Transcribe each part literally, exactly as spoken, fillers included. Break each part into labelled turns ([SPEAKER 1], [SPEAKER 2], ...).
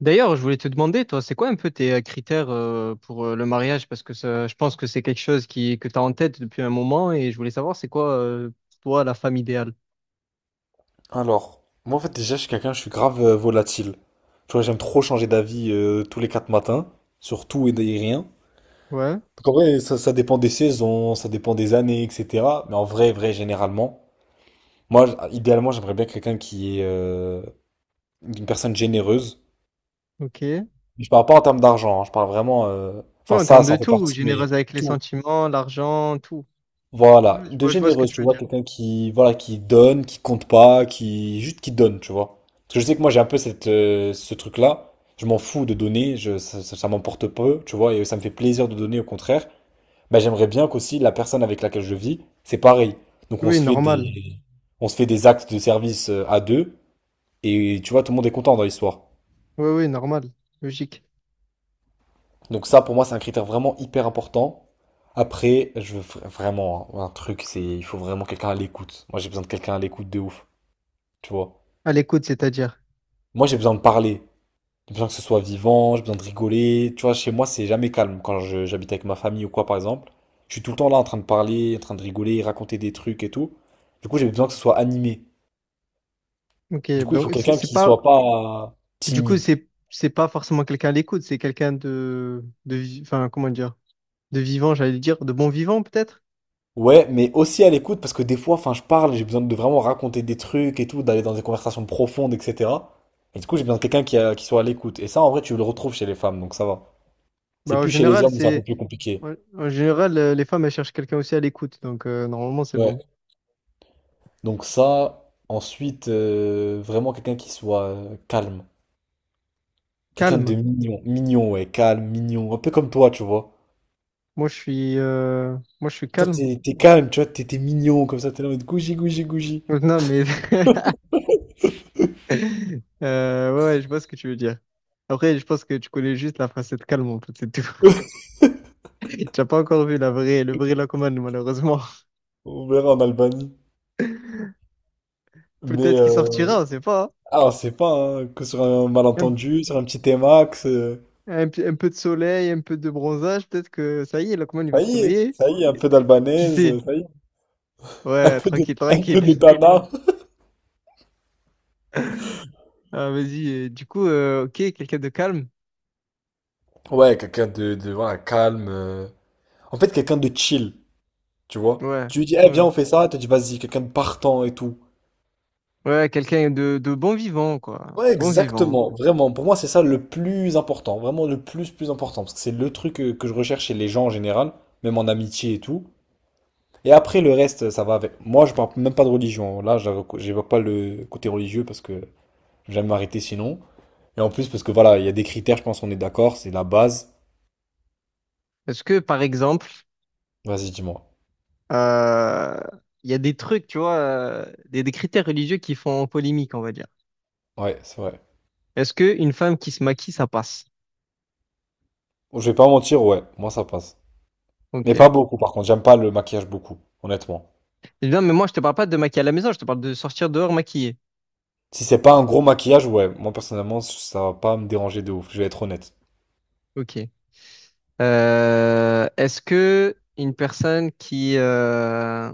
[SPEAKER 1] D'ailleurs, je voulais te demander, toi, c'est quoi un peu tes euh, critères euh, pour euh, le mariage? Parce que ça- je pense que c'est quelque chose qui, que tu as en tête depuis un moment et je voulais savoir, c'est quoi euh, pour toi la femme idéale?
[SPEAKER 2] Alors, moi en fait déjà je suis quelqu'un, je suis grave euh, volatile. Tu vois, j'aime trop changer d'avis euh, tous les quatre matins, sur tout et des- rien.
[SPEAKER 1] Ouais,
[SPEAKER 2] Donc en vrai, ça, ça dépend des saisons, ça dépend des années, et cetera. Mais en vrai, vrai, généralement, moi, j- idéalement, j'aimerais bien quelqu'un qui est euh, une personne généreuse.
[SPEAKER 1] ok. Ouais,
[SPEAKER 2] Je parle pas en termes d'argent, hein, je parle vraiment... euh, Enfin,
[SPEAKER 1] en
[SPEAKER 2] ça,
[SPEAKER 1] termes
[SPEAKER 2] ça
[SPEAKER 1] de
[SPEAKER 2] en fait
[SPEAKER 1] tout,
[SPEAKER 2] partie, mais
[SPEAKER 1] généreuse avec les
[SPEAKER 2] tout.
[SPEAKER 1] sentiments, l'argent, tout.
[SPEAKER 2] Voilà,
[SPEAKER 1] Oui, je
[SPEAKER 2] de
[SPEAKER 1] vois, je vois ce que
[SPEAKER 2] généreuse,
[SPEAKER 1] tu
[SPEAKER 2] tu
[SPEAKER 1] veux
[SPEAKER 2] vois,
[SPEAKER 1] dire.
[SPEAKER 2] quelqu'un qui, voilà, qui donne, qui compte pas, qui juste qui donne, tu vois. Parce que je sais que moi j'ai un peu cette, euh, ce truc-là, je m'en fous de donner, je, ça, ça- ça m'emporte peu, tu vois, et ça me fait plaisir de donner au contraire. Bah, j'aimerais bien qu'aussi la personne avec laquelle je vis, c'est pareil. Donc on
[SPEAKER 1] Oui,
[SPEAKER 2] se fait
[SPEAKER 1] normal.
[SPEAKER 2] des, on se fait des actes de service euh, à deux, et tu vois, tout le monde est content dans l'histoire.
[SPEAKER 1] Oui, oui, normal. Logique.
[SPEAKER 2] Donc ça, pour moi, c'est un critère vraiment hyper important. Après, je veux vra- vraiment, hein, un truc, c'est il faut vraiment quelqu'un à l'écoute. Moi, j'ai besoin de quelqu'un à l'écoute de ouf. Tu vois.
[SPEAKER 1] À l'écoute, c'est-à-dire.
[SPEAKER 2] Moi, j'ai besoin de parler. J'ai besoin que ce soit vivant, j'ai besoin de rigoler. Tu vois, chez moi, c'est jamais calme. Quand je- j'habite avec ma famille ou quoi, par exemple, je suis tout le temps là en train de parler, en train de rigoler, raconter des trucs et tout. Du coup, j'ai besoin que ce soit animé.
[SPEAKER 1] Ok,
[SPEAKER 2] Du coup, il
[SPEAKER 1] donc
[SPEAKER 2] faut
[SPEAKER 1] c'est
[SPEAKER 2] quelqu'un
[SPEAKER 1] c'est
[SPEAKER 2] qui soit
[SPEAKER 1] pas...
[SPEAKER 2] pas
[SPEAKER 1] Du coup,
[SPEAKER 2] timide.
[SPEAKER 1] c'est c'est pas forcément quelqu'un à l'écoute, c'est quelqu'un de... de... vi- Enfin, comment dire? De vivant, j'allais dire. De bon vivant, peut-être?
[SPEAKER 2] Ouais, mais aussi à l'écoute, parce que des fois, enfin, je parle, j'ai besoin de vraiment raconter des trucs et tout, d'aller dans des conversations profondes, et cetera. Et du coup, j'ai besoin de quelqu'un qui, a- qui soit à l'écoute. Et ça, en vrai, tu le retrouves chez les femmes, donc ça va. C'est
[SPEAKER 1] Bah, en
[SPEAKER 2] plus chez les
[SPEAKER 1] général,
[SPEAKER 2] hommes où c'est un peu
[SPEAKER 1] c'est
[SPEAKER 2] plus compliqué.
[SPEAKER 1] en en général euh, les femmes elles cherchent quelqu'un aussi à l'écoute, donc euh, normalement c'est bon.
[SPEAKER 2] Ouais. Donc ça, ensuite, euh, vraiment quelqu'un qui soit euh, calme. Quelqu'un
[SPEAKER 1] Calme.
[SPEAKER 2] de mignon. Mignon, ouais, calme, mignon. Un peu comme toi, tu vois.
[SPEAKER 1] Moi je suis euh, moi je suis
[SPEAKER 2] Toi,
[SPEAKER 1] calme.
[SPEAKER 2] t'es t'es calme, tu vois, t'es t'es mignon, comme ça, t'es là en mode gougi, gougi, gougi.
[SPEAKER 1] Euh, Non mais euh, ouais, ouais, je vois ce que tu veux dire. Après, je pense que tu connais juste la facette calme en fait, c'est tout. Tu n'as pas encore vu la vraie le vrai Lacomane malheureusement.
[SPEAKER 2] On verra en Albanie. Mais,
[SPEAKER 1] Peut-être qu'il
[SPEAKER 2] euh,
[SPEAKER 1] sortira, on sait pas.
[SPEAKER 2] ah, on sait pas, hein, que sur un
[SPEAKER 1] Hein.
[SPEAKER 2] malentendu, sur un petit T-Max, euh,
[SPEAKER 1] Un, un p- un peu de soleil, un peu de bronzage, peut-être que ça y est, Lacomane il va
[SPEAKER 2] ça
[SPEAKER 1] se
[SPEAKER 2] y est,
[SPEAKER 1] réveiller.
[SPEAKER 2] ça y est, un peu
[SPEAKER 1] Qui
[SPEAKER 2] d'albanaise,
[SPEAKER 1] sait?
[SPEAKER 2] euh, ça y est, un
[SPEAKER 1] Ouais,
[SPEAKER 2] peu de,
[SPEAKER 1] tranquille,
[SPEAKER 2] un peu de
[SPEAKER 1] tranquille.
[SPEAKER 2] tana.
[SPEAKER 1] Ah, vas-y, euh, du coup, euh, ok, quelqu'un de calme.
[SPEAKER 2] Ouais, quelqu'un de, de, voilà, calme. euh. En fait, quelqu'un de chill. Tu vois?
[SPEAKER 1] Ouais,
[SPEAKER 2] Tu lui dis, eh, viens,
[SPEAKER 1] ouais.
[SPEAKER 2] on fait ça. Elle te dit, vas-y, quelqu'un de partant et tout.
[SPEAKER 1] Ouais, quelqu'un de, de bon vivant, quoi.
[SPEAKER 2] Ouais,
[SPEAKER 1] Bon vivant.
[SPEAKER 2] exactement. Vraiment, pour moi, c'est ça le plus important. Vraiment le plus, plus important. Parce que c'est le truc euh, que je recherche chez les gens en général, même en amitié et tout. Et après, le reste, ça va avec. Moi, je parle même pas de religion. Là, je j'évoque pas le côté religieux parce que j'aime m'arrêter sinon. Et en plus, parce que voilà, il y a des critères, je pense qu'on est d'accord, c'est la base.
[SPEAKER 1] Est-ce que, par exemple,
[SPEAKER 2] Vas-y, dis-moi.
[SPEAKER 1] euh, il y a des trucs, tu vois, euh, des, des critères religieux qui font polémique, on va dire.
[SPEAKER 2] Ouais, c'est vrai.
[SPEAKER 1] Est-ce que une femme qui se maquille, ça passe?
[SPEAKER 2] Je vais pas mentir, ouais, moi ça passe. Mais
[SPEAKER 1] Ok.
[SPEAKER 2] pas beaucoup, par contre, j'aime pas le maquillage beaucoup, honnêtement.
[SPEAKER 1] Eh bien, mais moi, je te parle pas de maquiller à la maison, je te parle de sortir dehors maquillée.
[SPEAKER 2] Si c'est pas un gros maquillage, ouais, moi personnellement, ça va pas me déranger de ouf, je vais être honnête.
[SPEAKER 1] Ok. Euh, est-ce que une personne qui, euh,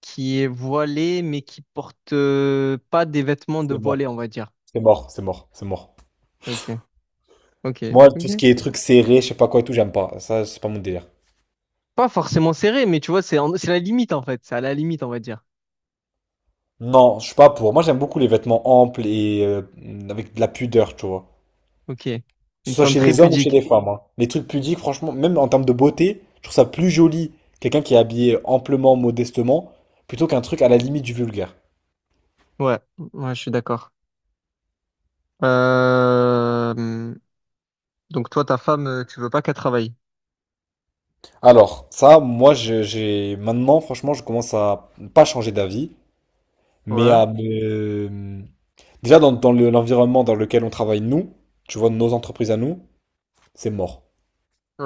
[SPEAKER 1] qui est voilée, mais qui porte euh, pas des vêtements de
[SPEAKER 2] C'est mort,
[SPEAKER 1] voilée, on va dire?
[SPEAKER 2] c'est mort, c'est mort, c'est mort.
[SPEAKER 1] Ok, ok,
[SPEAKER 2] Moi, tout
[SPEAKER 1] ok.
[SPEAKER 2] ce qui est trucs serrés, je sais pas quoi et tout, j'aime pas. Ça, c'est pas mon délire.
[SPEAKER 1] Pas forcément serré, mais tu vois, c'est en- c'est la limite en fait. C'est à la limite, on va dire.
[SPEAKER 2] Non, je suis pas pour. Moi, j'aime beaucoup les vêtements amples et euh, avec de la pudeur, tu vois.
[SPEAKER 1] Ok.
[SPEAKER 2] Que
[SPEAKER 1] Une
[SPEAKER 2] ce soit
[SPEAKER 1] femme
[SPEAKER 2] chez
[SPEAKER 1] très
[SPEAKER 2] les hommes ou chez
[SPEAKER 1] pudique.
[SPEAKER 2] les femmes, hein. Les trucs pudiques, franchement, même en termes de beauté, je trouve ça plus joli quelqu'un qui est habillé amplement, modestement, plutôt qu'un truc à la limite du vulgaire.
[SPEAKER 1] Ouais, ouais, je suis d'accord. Euh... Donc toi, ta femme, euh, tu veux pas qu'elle travaille.
[SPEAKER 2] Alors, ça, moi, je- j'ai maintenant, franchement, je commence à pas changer d'avis. Mais
[SPEAKER 1] Ouais.
[SPEAKER 2] à me- déjà, dans, dans le- l'environnement dans lequel on travaille, nous, tu vois, nos entreprises à nous, c'est mort,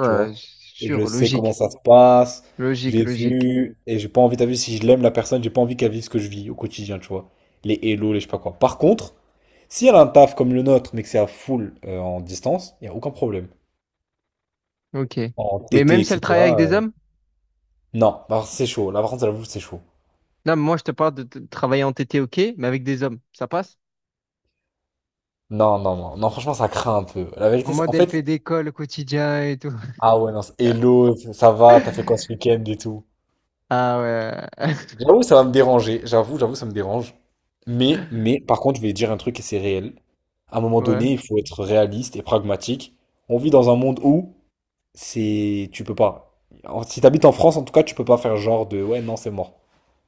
[SPEAKER 2] tu vois. Je
[SPEAKER 1] sûr,
[SPEAKER 2] sais comment
[SPEAKER 1] logique.
[SPEAKER 2] ça se passe,
[SPEAKER 1] Logique,
[SPEAKER 2] j'ai
[SPEAKER 1] logique.
[SPEAKER 2] vu, et j'ai pas envie, t'as vu, si je l'aime la personne, j'ai pas envie qu'elle vive ce que je vis au quotidien, tu vois. Les hello, les je sais pas quoi. Par contre, si elle a un taf comme le nôtre, mais que c'est à full euh, en distance, il n'y a aucun problème.
[SPEAKER 1] Ok.
[SPEAKER 2] En
[SPEAKER 1] Mais même
[SPEAKER 2] T T,
[SPEAKER 1] si elle travaille avec
[SPEAKER 2] et cetera
[SPEAKER 1] des
[SPEAKER 2] euh,
[SPEAKER 1] hommes?
[SPEAKER 2] non, bah, c'est chaud. La par contre, j'avoue, c'est chaud.
[SPEAKER 1] Là, moi, je te parle de de travailler en T T, ok, mais avec des hommes, ça passe?
[SPEAKER 2] Non, non, non, non, franchement, ça craint un peu. La
[SPEAKER 1] En
[SPEAKER 2] vérité, c'est-
[SPEAKER 1] mode,
[SPEAKER 2] en
[SPEAKER 1] elle fait
[SPEAKER 2] fait,
[SPEAKER 1] des cols au quotidien et tout.
[SPEAKER 2] Ah ouais, non, c'est- hello, ça va, t'as fait quoi ce week-end et tout?
[SPEAKER 1] Ah ouais.
[SPEAKER 2] J'avoue, ça va me déranger, j'avoue, j'avoue, ça me dérange. Mais, mais, par contre, je vais dire un truc et c'est réel. À un moment
[SPEAKER 1] Ouais.
[SPEAKER 2] donné, il faut être réaliste et pragmatique. On vit dans un monde où c'est, tu peux pas. En- Si t'habites en France, en tout cas, tu peux pas faire genre de, ouais, non, c'est mort,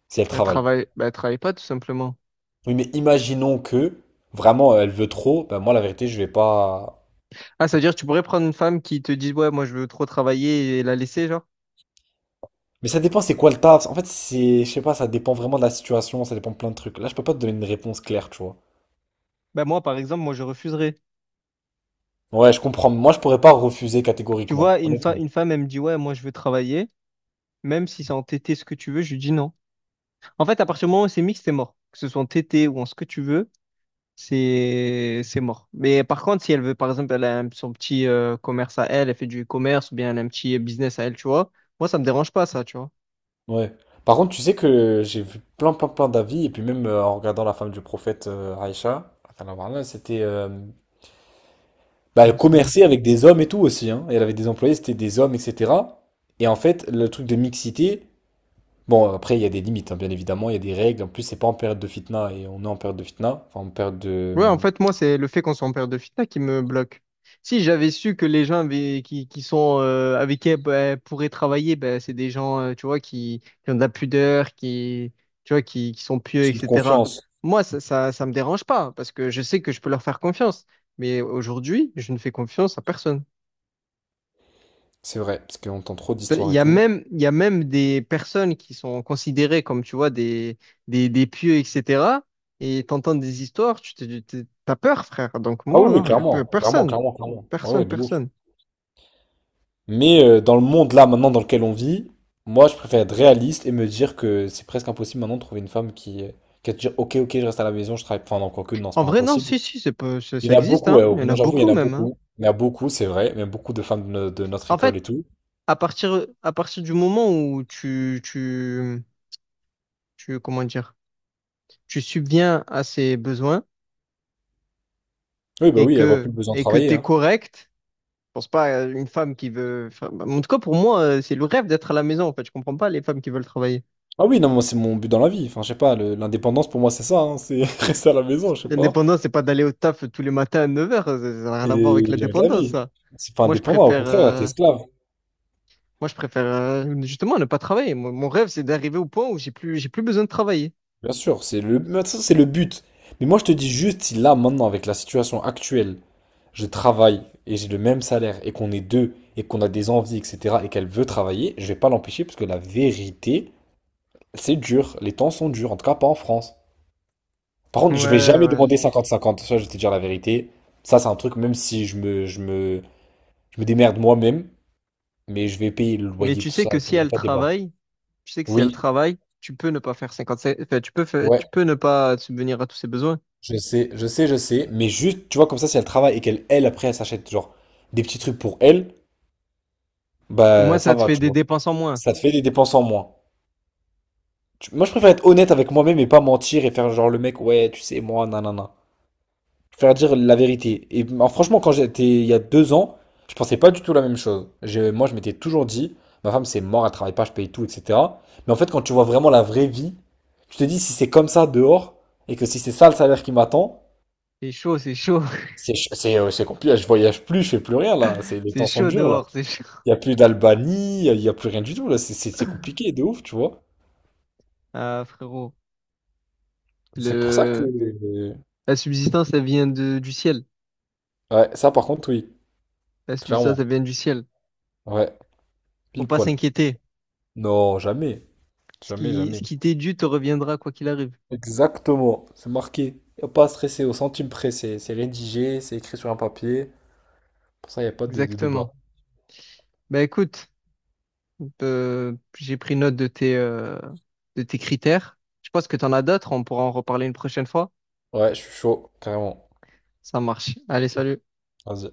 [SPEAKER 2] si elle
[SPEAKER 1] Elle
[SPEAKER 2] travaille.
[SPEAKER 1] travaille, bah, elle travaille pas tout simplement.
[SPEAKER 2] Oui, mais imaginons que, vraiment, elle veut trop, ben moi, la vérité, je vais pas...
[SPEAKER 1] Ah, ça veut dire que tu pourrais prendre une femme qui te dit, ouais, moi je veux trop travailler et la laisser, genre?
[SPEAKER 2] Mais ça dépend, c'est quoi le taf? En fait, c'est, je sais pas, ça dépend vraiment de la situation, ça dépend de plein de trucs. Là, je peux pas te donner une réponse claire, tu vois.
[SPEAKER 1] Bah moi, par exemple, moi je refuserais.
[SPEAKER 2] Ouais, je comprends. Moi, je pourrais pas refuser
[SPEAKER 1] Tu vois,
[SPEAKER 2] catégoriquement,
[SPEAKER 1] une fa-
[SPEAKER 2] honnêtement.
[SPEAKER 1] une femme, elle me dit, ouais, moi je veux travailler, même si c'est en T T ce que tu veux, je lui dis non. En fait, à partir du moment où c'est mixte, c'est mort. Que ce soit en T T ou en ce que tu veux, c'est c'est mort. Mais par contre, si elle veut, par exemple, elle a un- son petit euh, commerce à elle, elle fait du commerce ou bien elle a un petit business à elle, tu vois, moi ça me dérange pas, ça, tu vois.
[SPEAKER 2] Ouais. Par contre, tu sais que j'ai vu plein, plein, plein d'avis, et puis même euh, en regardant la femme du prophète euh, Aïcha, radiyallahu anha, c'était, euh, bah,
[SPEAKER 1] Ouais,
[SPEAKER 2] elle
[SPEAKER 1] ça.
[SPEAKER 2] commerçait avec des hommes et tout aussi, hein. Et Elle avait des employés, c'était des hommes, et cetera. Et en fait, le truc de mixité, bon, après, il y a des limites, hein, bien évidemment, il y a des règles. En plus, c'est pas en période de fitna, et on est en période de fitna, enfin, en période de,
[SPEAKER 1] Ouais, en
[SPEAKER 2] euh,
[SPEAKER 1] fait, moi, c'est le fait qu'on soit en période de fitna qui me bloque. Si j'avais su que les gens avaient- qui, qui sont, euh, avec qui elle, elle pourrait travailler, ben, c'est des gens, euh, tu vois, qui, qui ont de la pudeur, qui, tu vois, qui, qui sont pieux,
[SPEAKER 2] de
[SPEAKER 1] et cætera.
[SPEAKER 2] confiance.
[SPEAKER 1] Moi, ça, ça, ça me dérange pas parce que je sais que je peux leur faire confiance. Mais aujourd'hui, je ne fais confiance à personne.
[SPEAKER 2] C'est vrai, parce qu'on entend trop
[SPEAKER 1] Il
[SPEAKER 2] d'histoires et
[SPEAKER 1] y a
[SPEAKER 2] tout.
[SPEAKER 1] même, il y a même des personnes qui sont considérées comme, tu vois, des, des, des pieux, et cætera. Et t'entends des histoires, tu te, tu- t'as peur, frère. Donc
[SPEAKER 2] Ah
[SPEAKER 1] moi,
[SPEAKER 2] oui, oui,
[SPEAKER 1] non, y a pe-
[SPEAKER 2] clairement, clairement,
[SPEAKER 1] personne.
[SPEAKER 2] clairement, clairement. Ouais, ouais,
[SPEAKER 1] Personne,
[SPEAKER 2] de ouf.
[SPEAKER 1] personne.
[SPEAKER 2] Mais euh, dans le monde là maintenant dans lequel on vit, moi je préfère être réaliste et me dire que c'est presque impossible maintenant de trouver une femme qui, qui va te dire ok, ok, je reste à la maison, je travaille. Enfin non, encore que non, c'est
[SPEAKER 1] En
[SPEAKER 2] pas
[SPEAKER 1] vrai, non,
[SPEAKER 2] impossible.
[SPEAKER 1] si, si, c'est pas- ça,
[SPEAKER 2] Il
[SPEAKER 1] ça
[SPEAKER 2] y en a
[SPEAKER 1] existe,
[SPEAKER 2] beaucoup, ouais,
[SPEAKER 1] hein. Il
[SPEAKER 2] oh,
[SPEAKER 1] y en
[SPEAKER 2] non,
[SPEAKER 1] a
[SPEAKER 2] j'avoue il
[SPEAKER 1] beaucoup
[SPEAKER 2] y en a
[SPEAKER 1] même, hein.
[SPEAKER 2] beaucoup, il y en a beaucoup, c'est vrai, même beaucoup de femmes de, no- de notre
[SPEAKER 1] En
[SPEAKER 2] école
[SPEAKER 1] fait,
[SPEAKER 2] et tout.
[SPEAKER 1] à partir, à partir du moment où tu, tu, tu, comment dire, tu subviens à ses besoins
[SPEAKER 2] Oui, bah,
[SPEAKER 1] et
[SPEAKER 2] oui, elles voient plus
[SPEAKER 1] que,
[SPEAKER 2] le besoin de
[SPEAKER 1] et que
[SPEAKER 2] travailler,
[SPEAKER 1] t'es
[SPEAKER 2] hein.
[SPEAKER 1] correct, je pense pas à une femme qui veut, enfin, bah, en tout cas, pour moi, euh, c'est le rêve d'être à la maison, en fait. Je comprends pas les femmes qui veulent travailler.
[SPEAKER 2] Ah oui, non, moi c'est mon but dans la vie. Enfin je sais pas, le- l'indépendance pour moi c'est ça, hein, c'est rester à la maison, je sais pas,
[SPEAKER 1] L'indépendance, c'est pas d'aller au taf tous les matins à neuf heures. Ça ça n'a rien à voir avec
[SPEAKER 2] et jamais de la
[SPEAKER 1] l'indépendance,
[SPEAKER 2] vie.
[SPEAKER 1] ça.
[SPEAKER 2] C'est pas
[SPEAKER 1] Moi, je
[SPEAKER 2] indépendant, au
[SPEAKER 1] préfère,
[SPEAKER 2] contraire là, t'es
[SPEAKER 1] euh,
[SPEAKER 2] esclave.
[SPEAKER 1] Moi, je préfère euh, justement ne pas travailler. Mon, mon rêve, c'est d'arriver au point où j'ai plus, j'ai plus besoin de travailler.
[SPEAKER 2] Bien sûr, c'est le, mais ça, c'est le but. Mais moi, je te dis juste, si là, maintenant, avec la situation actuelle, je travaille et j'ai le même salaire et qu'on est deux et qu'on a des envies, et cetera, et qu'elle veut travailler, je vais pas l'empêcher parce que la vérité, c'est dur. Les temps sont durs, en tout cas pas en France. Par
[SPEAKER 1] Ouais,
[SPEAKER 2] contre, je vais jamais
[SPEAKER 1] ouais.
[SPEAKER 2] demander
[SPEAKER 1] je-
[SPEAKER 2] cinquante cinquante. Ça, je vais te dire la vérité. Ça, c'est un truc, même si je me, je me, je me démerde moi-même, mais je vais payer le
[SPEAKER 1] Mais
[SPEAKER 2] loyer,
[SPEAKER 1] tu
[SPEAKER 2] tout
[SPEAKER 1] sais
[SPEAKER 2] ça.
[SPEAKER 1] que
[SPEAKER 2] Il
[SPEAKER 1] si
[SPEAKER 2] n'y a
[SPEAKER 1] elle
[SPEAKER 2] pas de débat.
[SPEAKER 1] travaille, tu sais que si elle
[SPEAKER 2] Oui,
[SPEAKER 1] travaille, tu peux ne pas faire cinquante-cinq, enfin, tu peux faire-
[SPEAKER 2] ouais.
[SPEAKER 1] tu peux ne pas subvenir à tous ses besoins.
[SPEAKER 2] Je sais, je sais, je sais, mais juste, tu vois, comme ça, si elle travaille et qu'elle, elle, après, elle s'achète, genre, des petits trucs pour elle,
[SPEAKER 1] Au moins,
[SPEAKER 2] bah,
[SPEAKER 1] ça
[SPEAKER 2] ça
[SPEAKER 1] te
[SPEAKER 2] va,
[SPEAKER 1] fait
[SPEAKER 2] tu
[SPEAKER 1] des
[SPEAKER 2] vois.
[SPEAKER 1] dépenses en moins.
[SPEAKER 2] Ça te fait des dépenses en moins. Tu- Moi, je préfère être honnête avec moi-même et pas mentir et faire, genre, le mec, ouais, tu sais, moi, nanana. Je préfère dire la vérité. Et bah, franchement, quand j'étais, il y a deux ans, je pensais pas du tout la même chose. Je- moi, je m'étais toujours dit, ma femme, c'est mort, elle travaille pas, je paye tout, et cetera. Mais en fait, quand tu vois vraiment la vraie vie, tu te dis, si c'est comme ça dehors, et que si c'est ça le salaire qui m'attend,
[SPEAKER 1] C'est chaud, c'est chaud,
[SPEAKER 2] C'est ch- c'est euh, c'est compliqué, je voyage plus, je fais plus rien là, c'est les
[SPEAKER 1] c'est
[SPEAKER 2] temps sont
[SPEAKER 1] chaud
[SPEAKER 2] durs là.
[SPEAKER 1] dehors, c'est chaud.
[SPEAKER 2] Il y a plus d'Albanie, il y a plus rien du tout là, c'est c'est- c'est compliqué de ouf, tu vois.
[SPEAKER 1] Ah, frérot,
[SPEAKER 2] C'est pour ça que,
[SPEAKER 1] le, la subsistance, elle vient de, du ciel.
[SPEAKER 2] ouais, ça par contre oui,
[SPEAKER 1] La subsistance,
[SPEAKER 2] clairement.
[SPEAKER 1] elle vient du ciel.
[SPEAKER 2] Ouais,
[SPEAKER 1] Faut
[SPEAKER 2] pile
[SPEAKER 1] pas
[SPEAKER 2] poil.
[SPEAKER 1] s'inquiéter.
[SPEAKER 2] Non, jamais,
[SPEAKER 1] Ce
[SPEAKER 2] jamais,
[SPEAKER 1] qui, ce
[SPEAKER 2] jamais.
[SPEAKER 1] qui t'est dû te reviendra quoi qu'il arrive.
[SPEAKER 2] Exactement, c'est marqué. Y a pas à stresser au centime près, c'est c'est rédigé, c'est écrit sur un papier. Pour ça, il n'y a pas de, de
[SPEAKER 1] Exactement.
[SPEAKER 2] débat.
[SPEAKER 1] Ben écoute. Euh, j'ai pris note de tes, euh, de tes critères. Je pense que tu en as d'autres, on pourra en reparler une prochaine fois.
[SPEAKER 2] Ouais, je suis chaud, carrément.
[SPEAKER 1] Ça marche. Allez, salut.
[SPEAKER 2] Vas-y.